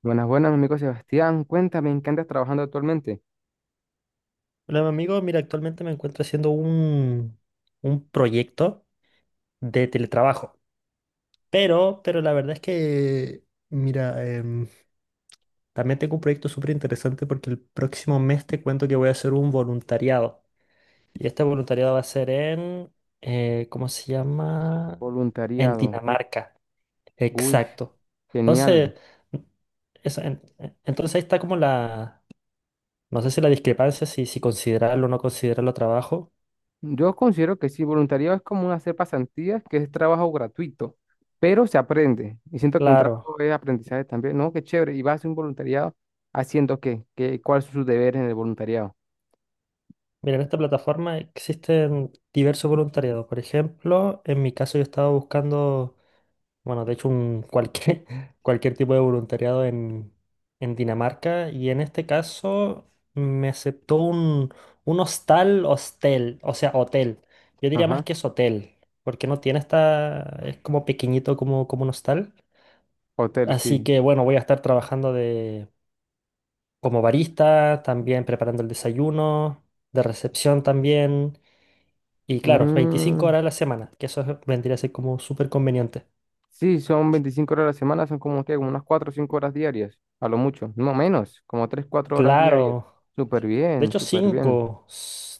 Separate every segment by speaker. Speaker 1: Buenas, buenas, mi amigo Sebastián. Cuéntame, ¿en qué andas trabajando actualmente?
Speaker 2: Hola, mi amigo. Mira, actualmente me encuentro haciendo un proyecto de teletrabajo. Pero la verdad es que, mira, también tengo un proyecto súper interesante porque el próximo mes te cuento que voy a hacer un voluntariado. Y este voluntariado va a ser en, ¿cómo se llama? En
Speaker 1: Voluntariado.
Speaker 2: Dinamarca.
Speaker 1: Uy,
Speaker 2: Exacto.
Speaker 1: genial.
Speaker 2: Entonces, eso, entonces ahí está como la, no sé si la discrepancia, si considerarlo o no considerarlo trabajo.
Speaker 1: Yo considero que sí, voluntariado es como hacer pasantías, que es trabajo gratuito, pero se aprende. Y siento que un
Speaker 2: Claro.
Speaker 1: trabajo es aprendizaje también. No, qué chévere. ¿Y vas a hacer un voluntariado haciendo qué? ¿Qué, cuáles son sus deberes en el voluntariado?
Speaker 2: Mira, en esta plataforma existen diversos voluntariados. Por ejemplo, en mi caso yo estaba buscando, bueno, de hecho un cualquier, cualquier tipo de voluntariado en, Dinamarca, y en este caso me aceptó un hostal, hostel, o sea, hotel. Yo diría más
Speaker 1: Ajá.
Speaker 2: que es hotel, porque no tiene esta, es como pequeñito como un hostal.
Speaker 1: Hotel,
Speaker 2: Así
Speaker 1: sí.
Speaker 2: que bueno, voy a estar trabajando de, como barista, también preparando el desayuno, de recepción también. Y claro, 25
Speaker 1: Mm,
Speaker 2: horas a la semana, que vendría a ser como súper conveniente.
Speaker 1: sí, son 25 horas a la semana, son como que unas 4 o 5 horas diarias, a lo mucho. No menos, como 3 4 horas diarias.
Speaker 2: Claro,
Speaker 1: Súper
Speaker 2: de
Speaker 1: bien,
Speaker 2: hecho
Speaker 1: súper bien.
Speaker 2: 5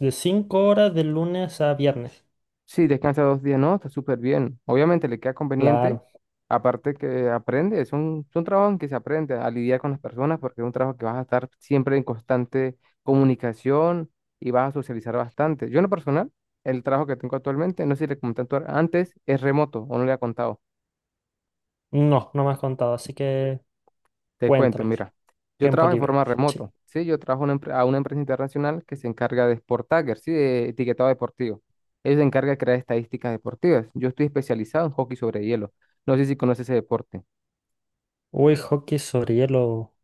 Speaker 2: de 5 horas de lunes a viernes.
Speaker 1: Sí, descansa 2 días, no, está súper bien. Obviamente le queda conveniente,
Speaker 2: Claro,
Speaker 1: aparte que aprende, es un trabajo en que se aprende a lidiar con las personas porque es un trabajo que vas a estar siempre en constante comunicación y vas a socializar bastante. Yo en lo personal, el trabajo que tengo actualmente, no sé si le comenté antes, es remoto o no le ha contado.
Speaker 2: no, no me has contado, así que
Speaker 1: Te cuento,
Speaker 2: cuéntame.
Speaker 1: mira, yo
Speaker 2: Tiempo
Speaker 1: trabajo de
Speaker 2: libre.
Speaker 1: forma
Speaker 2: Sí.
Speaker 1: remoto, ¿sí? Yo trabajo a una empresa internacional que se encarga de sport tagger, ¿sí? De etiquetado deportivo. Ellos se encargan de crear estadísticas deportivas. Yo estoy especializado en hockey sobre hielo. No sé si conoces ese deporte.
Speaker 2: Uy, hockey sobre hielo.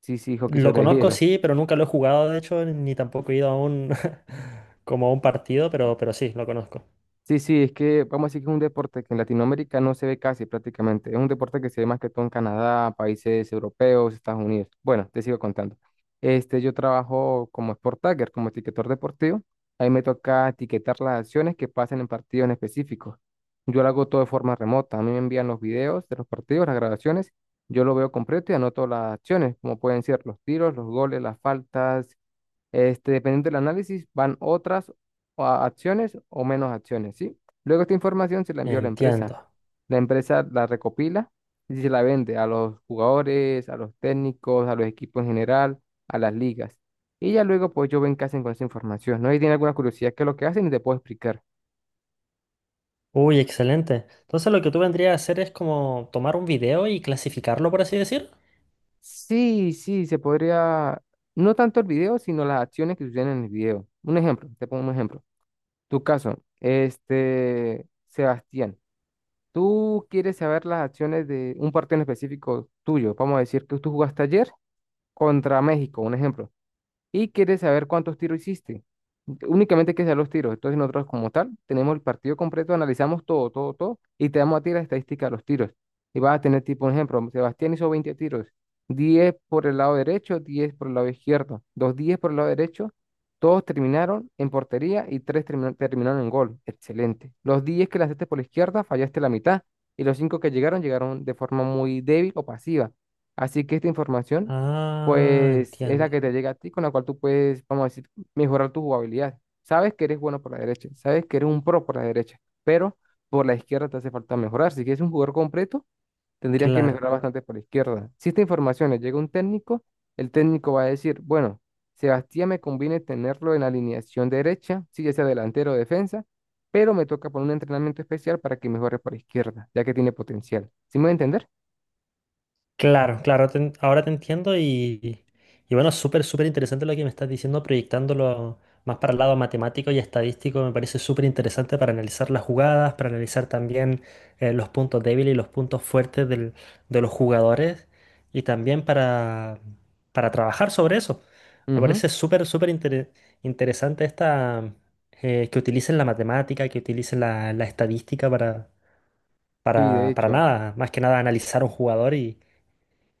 Speaker 1: Sí, sí, hockey
Speaker 2: Lo
Speaker 1: sobre
Speaker 2: conozco,
Speaker 1: hielo.
Speaker 2: sí, pero nunca lo he jugado, de hecho, ni tampoco he ido a un, como a un partido, pero sí, lo conozco.
Speaker 1: Sí, sí, es que vamos a decir que es un deporte que en Latinoamérica no se ve casi prácticamente. Es un deporte que se ve más que todo en Canadá, países europeos, Estados Unidos. Bueno, te sigo contando. Este, yo trabajo como sport tagger, como etiquetador deportivo. Ahí me toca etiquetar las acciones que pasan en partidos en específico. Yo lo hago todo de forma remota. A mí me envían los videos de los partidos, las grabaciones. Yo lo veo completo y anoto las acciones, como pueden ser los tiros, los goles, las faltas, este, dependiendo del análisis, van otras o acciones o menos acciones, ¿sí? Luego esta información se la envió a la
Speaker 2: Entiendo.
Speaker 1: empresa. La empresa la recopila y se la vende a los jugadores, a los técnicos, a los equipos en general, a las ligas. Y ya luego, pues yo ven qué hacen con esa información, ¿no? Y tiene alguna curiosidad, ¿qué es lo que hacen? Y te puedo explicar.
Speaker 2: Uy, excelente. Entonces lo que tú vendrías a hacer es como tomar un video y clasificarlo, por así decir.
Speaker 1: Sí, sí, se podría, no tanto el video, sino las acciones que suceden en el video. Un ejemplo, te pongo un ejemplo. Tu caso, este, Sebastián. Tú quieres saber las acciones de un partido en específico tuyo. Vamos a decir que tú jugaste ayer contra México, un ejemplo y quiere saber cuántos tiros hiciste. Únicamente hay que saber los tiros. Entonces nosotros como tal tenemos el partido completo, analizamos todo, todo, todo y te damos a ti la estadística de los tiros. Y vas a tener tipo, un ejemplo, Sebastián hizo 20 tiros, 10 por el lado derecho, 10 por el lado izquierdo, dos 10 por el lado derecho, todos terminaron en portería y 3 terminaron en gol. Excelente. Los 10 que lanzaste por la izquierda fallaste la mitad y los 5 que llegaron de forma muy débil o pasiva. Así que esta información
Speaker 2: Ah,
Speaker 1: pues es la
Speaker 2: entiendo.
Speaker 1: que te llega a ti, con la cual tú puedes, vamos a decir, mejorar tu jugabilidad. Sabes que eres bueno por la derecha, sabes que eres un pro por la derecha, pero por la izquierda te hace falta mejorar. Si quieres un jugador completo, tendrías que
Speaker 2: Claro,
Speaker 1: mejorar bastante por la izquierda. Si esta información le llega a un técnico, el técnico va a decir, bueno, Sebastián me conviene tenerlo en la alineación derecha, si ya sea delantero o defensa, pero me toca poner un entrenamiento especial para que mejore por la izquierda, ya que tiene potencial. ¿Sí me voy a entender?
Speaker 2: claro, claro. Ahora te entiendo, y bueno, súper, súper interesante lo que me estás diciendo, proyectándolo más para el lado matemático y estadístico. Me parece súper interesante para analizar las jugadas, para analizar también, los puntos débiles y los puntos fuertes de los jugadores, y también para, trabajar sobre eso. Me
Speaker 1: Ujú.
Speaker 2: parece súper, súper interesante esta, que utilicen la matemática, que utilicen la estadística para
Speaker 1: Sí, de hecho.
Speaker 2: nada, más que nada analizar un jugador, y,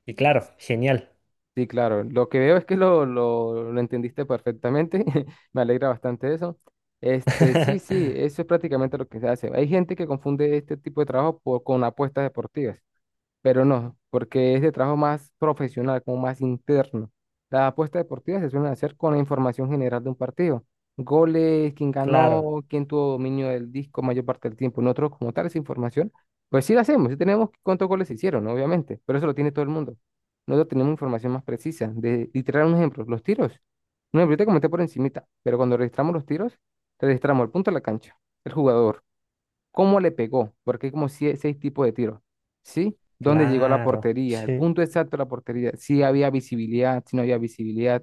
Speaker 2: y claro, genial.
Speaker 1: Sí, claro. Lo que veo es que lo entendiste perfectamente. Me alegra bastante eso. Este, sí, sí, eso es prácticamente lo que se hace. Hay gente que confunde este tipo de trabajo por- con apuestas deportivas pero no, porque es de trabajo más profesional, como más interno. Las apuestas deportivas se suelen hacer con la información general de un partido. Goles, quién
Speaker 2: Claro,
Speaker 1: ganó, quién tuvo dominio del disco mayor parte del tiempo. Nosotros, como tal, esa información, pues sí la hacemos, sí tenemos cuántos goles se hicieron, ¿no? obviamente, pero eso lo tiene todo el mundo. Nosotros tenemos información más precisa. De, literal, un ejemplo, los tiros. Un ejemplo, yo te comenté por encimita, pero cuando registramos los tiros, registramos el punto de la cancha, el jugador cómo le pegó, porque hay como seis tipos de tiros, ¿sí? ¿Dónde llegó a la
Speaker 2: claro,
Speaker 1: portería? El
Speaker 2: sí,
Speaker 1: punto exacto de la portería, si había visibilidad, si no había visibilidad,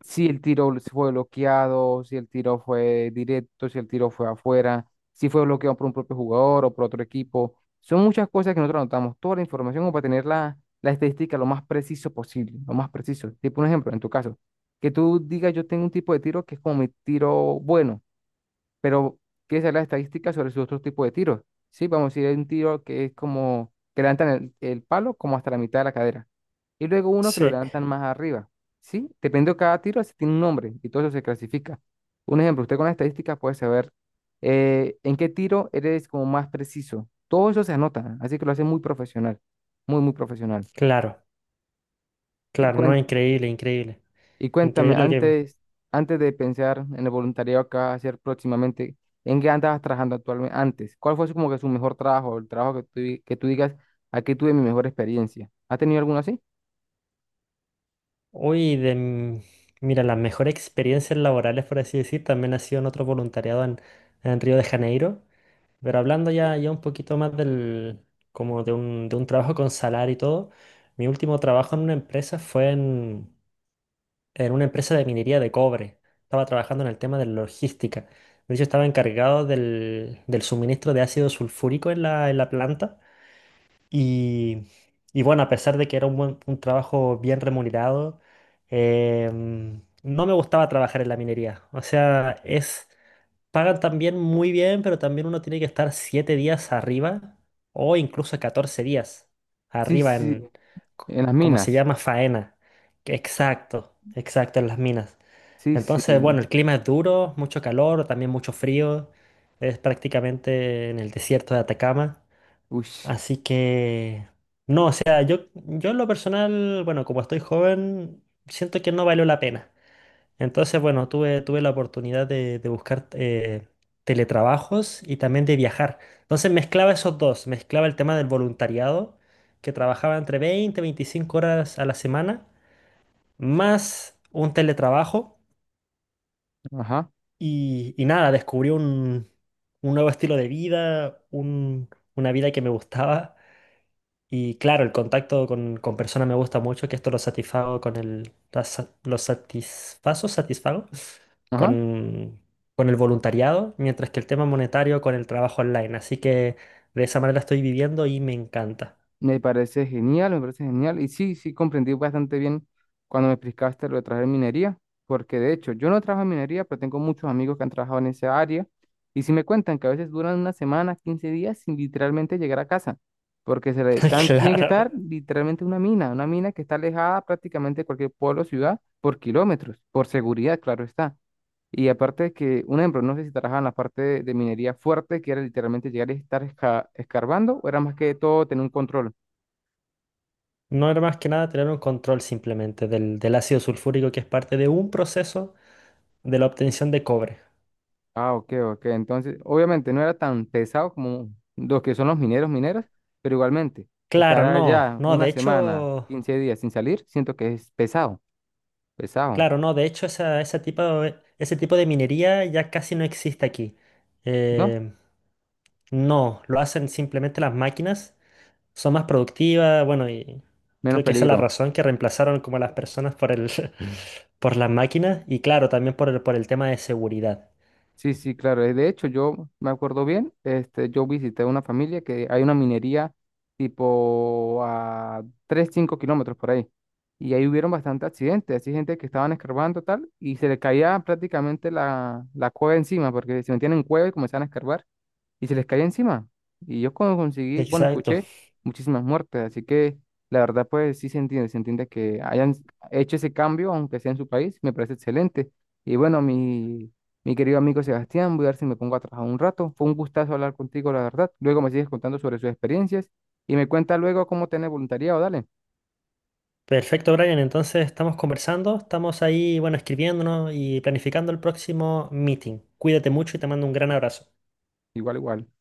Speaker 1: si el tiro fue bloqueado, si el tiro fue directo, si el tiro fue afuera, si fue bloqueado por un propio jugador o por otro equipo. Son muchas cosas que nosotros anotamos, toda la información como para tener la estadística lo más preciso posible, lo más preciso. Tipo un ejemplo, en tu caso, que tú digas yo tengo un tipo de tiro que es como mi tiro bueno pero quiere saber las estadísticas sobre sus otros tipos de tiros. Sí, vamos a decir, hay un tiro que es como que levantan el palo como hasta la mitad de la cadera. Y luego uno que lo
Speaker 2: sí,
Speaker 1: levantan más arriba. Sí, dependiendo de cada tiro, se tiene un nombre y todo eso se clasifica. Un ejemplo, usted con las estadísticas puede saber en qué tiro eres como más preciso. Todo eso se anota, así que lo hace muy profesional, muy, muy profesional.
Speaker 2: claro,
Speaker 1: Y
Speaker 2: claro, no, increíble, increíble,
Speaker 1: y cuéntame,
Speaker 2: increíble lo que.
Speaker 1: antes, antes de pensar en el voluntariado que vas a hacer próximamente, ¿en qué andabas trabajando actualmente antes? ¿Cuál fue como que su mejor trabajo, el trabajo que tú, que tú digas, aquí tuve mi mejor experiencia? ¿Has tenido alguno así?
Speaker 2: Hoy de... m- Mira, las mejores experiencias laborales, por así decir, también ha sido en otro voluntariado en, Río de Janeiro, pero hablando ya un poquito más del, como de un trabajo con salario y todo, mi último trabajo en una empresa fue en una empresa de minería de cobre. Estaba trabajando en el tema de la logística. De hecho, estaba encargado del suministro de ácido sulfúrico en la planta. Y, y bueno, a pesar de que era un trabajo bien remunerado, no me gustaba trabajar en la minería. O sea, es, pagan también muy bien, pero también uno tiene que estar 7 días arriba o incluso 14 días
Speaker 1: Sí,
Speaker 2: arriba
Speaker 1: sí,
Speaker 2: c-
Speaker 1: en las
Speaker 2: como se
Speaker 1: minas.
Speaker 2: llama, faena. Exacto, exacto, en las minas.
Speaker 1: Sí, sí.
Speaker 2: Entonces, bueno, el clima es duro, mucho calor, también mucho frío. Es prácticamente en el desierto de Atacama.
Speaker 1: Uy,
Speaker 2: Así que, no, o sea, yo en lo personal, bueno, como estoy joven, siento que no valió la pena. Entonces, bueno, tuve la oportunidad de buscar, teletrabajos y también de viajar. Entonces mezclaba esos dos, mezclaba el tema del voluntariado, que trabajaba entre veinte y 25 horas a la semana, más un teletrabajo.
Speaker 1: ajá,
Speaker 2: Y nada, descubrí un nuevo estilo de vida, una vida que me gustaba. Y claro, el contacto con, personas me gusta mucho, que esto lo satisfago con el... la sa- Lo satisfazo, satisfago
Speaker 1: ajá.
Speaker 2: con, con el voluntariado, mientras que el tema monetario con el trabajo online. Así que de esa manera estoy viviendo y me encanta.
Speaker 1: Me parece genial, me parece genial. Y sí, sí, comprendí bastante bien cuando me explicaste lo de trabajar en minería, porque de hecho yo no trabajo en minería, pero tengo muchos amigos que han trabajado en esa área. Y sí me cuentan que a veces duran una semana, 15 días sin literalmente llegar a casa, porque tiene que
Speaker 2: Claro.
Speaker 1: estar literalmente una mina que está alejada prácticamente de cualquier pueblo o ciudad por kilómetros, por seguridad, claro está. Y aparte de que, un ejemplo, no sé si trabajaban en la parte de, minería fuerte, que era literalmente llegar y estar escarbando, o era más que todo tener un control.
Speaker 2: No era más que nada tener un control simplemente del ácido sulfúrico, que es parte de un proceso de la obtención de cobre.
Speaker 1: Ah, ok, ok. Entonces, obviamente no era tan pesado como los que son los mineros, mineras, pero igualmente, estar
Speaker 2: Claro, no,
Speaker 1: allá
Speaker 2: no,
Speaker 1: una
Speaker 2: de
Speaker 1: semana,
Speaker 2: hecho,
Speaker 1: 15 días sin salir, siento que es pesado, pesado,
Speaker 2: claro, no, de hecho ese tipo de minería ya casi no existe aquí.
Speaker 1: ¿no?
Speaker 2: Eh, no, lo hacen simplemente las máquinas, son más productivas, bueno, y
Speaker 1: Menos
Speaker 2: creo que esa es la
Speaker 1: peligro.
Speaker 2: razón que reemplazaron como a las personas por el, por las máquinas, y claro, también por el tema de seguridad.
Speaker 1: Sí, sí, claro. De hecho, yo me acuerdo bien, este, yo visité una familia que hay una minería tipo a 3, 5 kilómetros por ahí. Y ahí hubieron bastantes accidentes, así gente que estaban escarbando tal, y se le caía prácticamente la cueva encima, porque se metían en cueva y comenzaban a escarbar y se les caía encima. Y yo cuando conseguí, bueno,
Speaker 2: Exacto.
Speaker 1: escuché muchísimas muertes, así que la verdad pues sí se entiende que hayan hecho ese cambio, aunque sea en su país, me parece excelente. Y bueno, mi querido amigo Sebastián, voy a ver si me pongo a trabajar un rato. Fue un gustazo hablar contigo, la verdad. Luego me sigues contando sobre sus experiencias y me cuenta luego cómo tener voluntariado, dale.
Speaker 2: Perfecto, Brian, entonces estamos conversando, estamos ahí, bueno, escribiéndonos y planificando el próximo meeting. Cuídate mucho y te mando un gran abrazo.
Speaker 1: Igual, igual.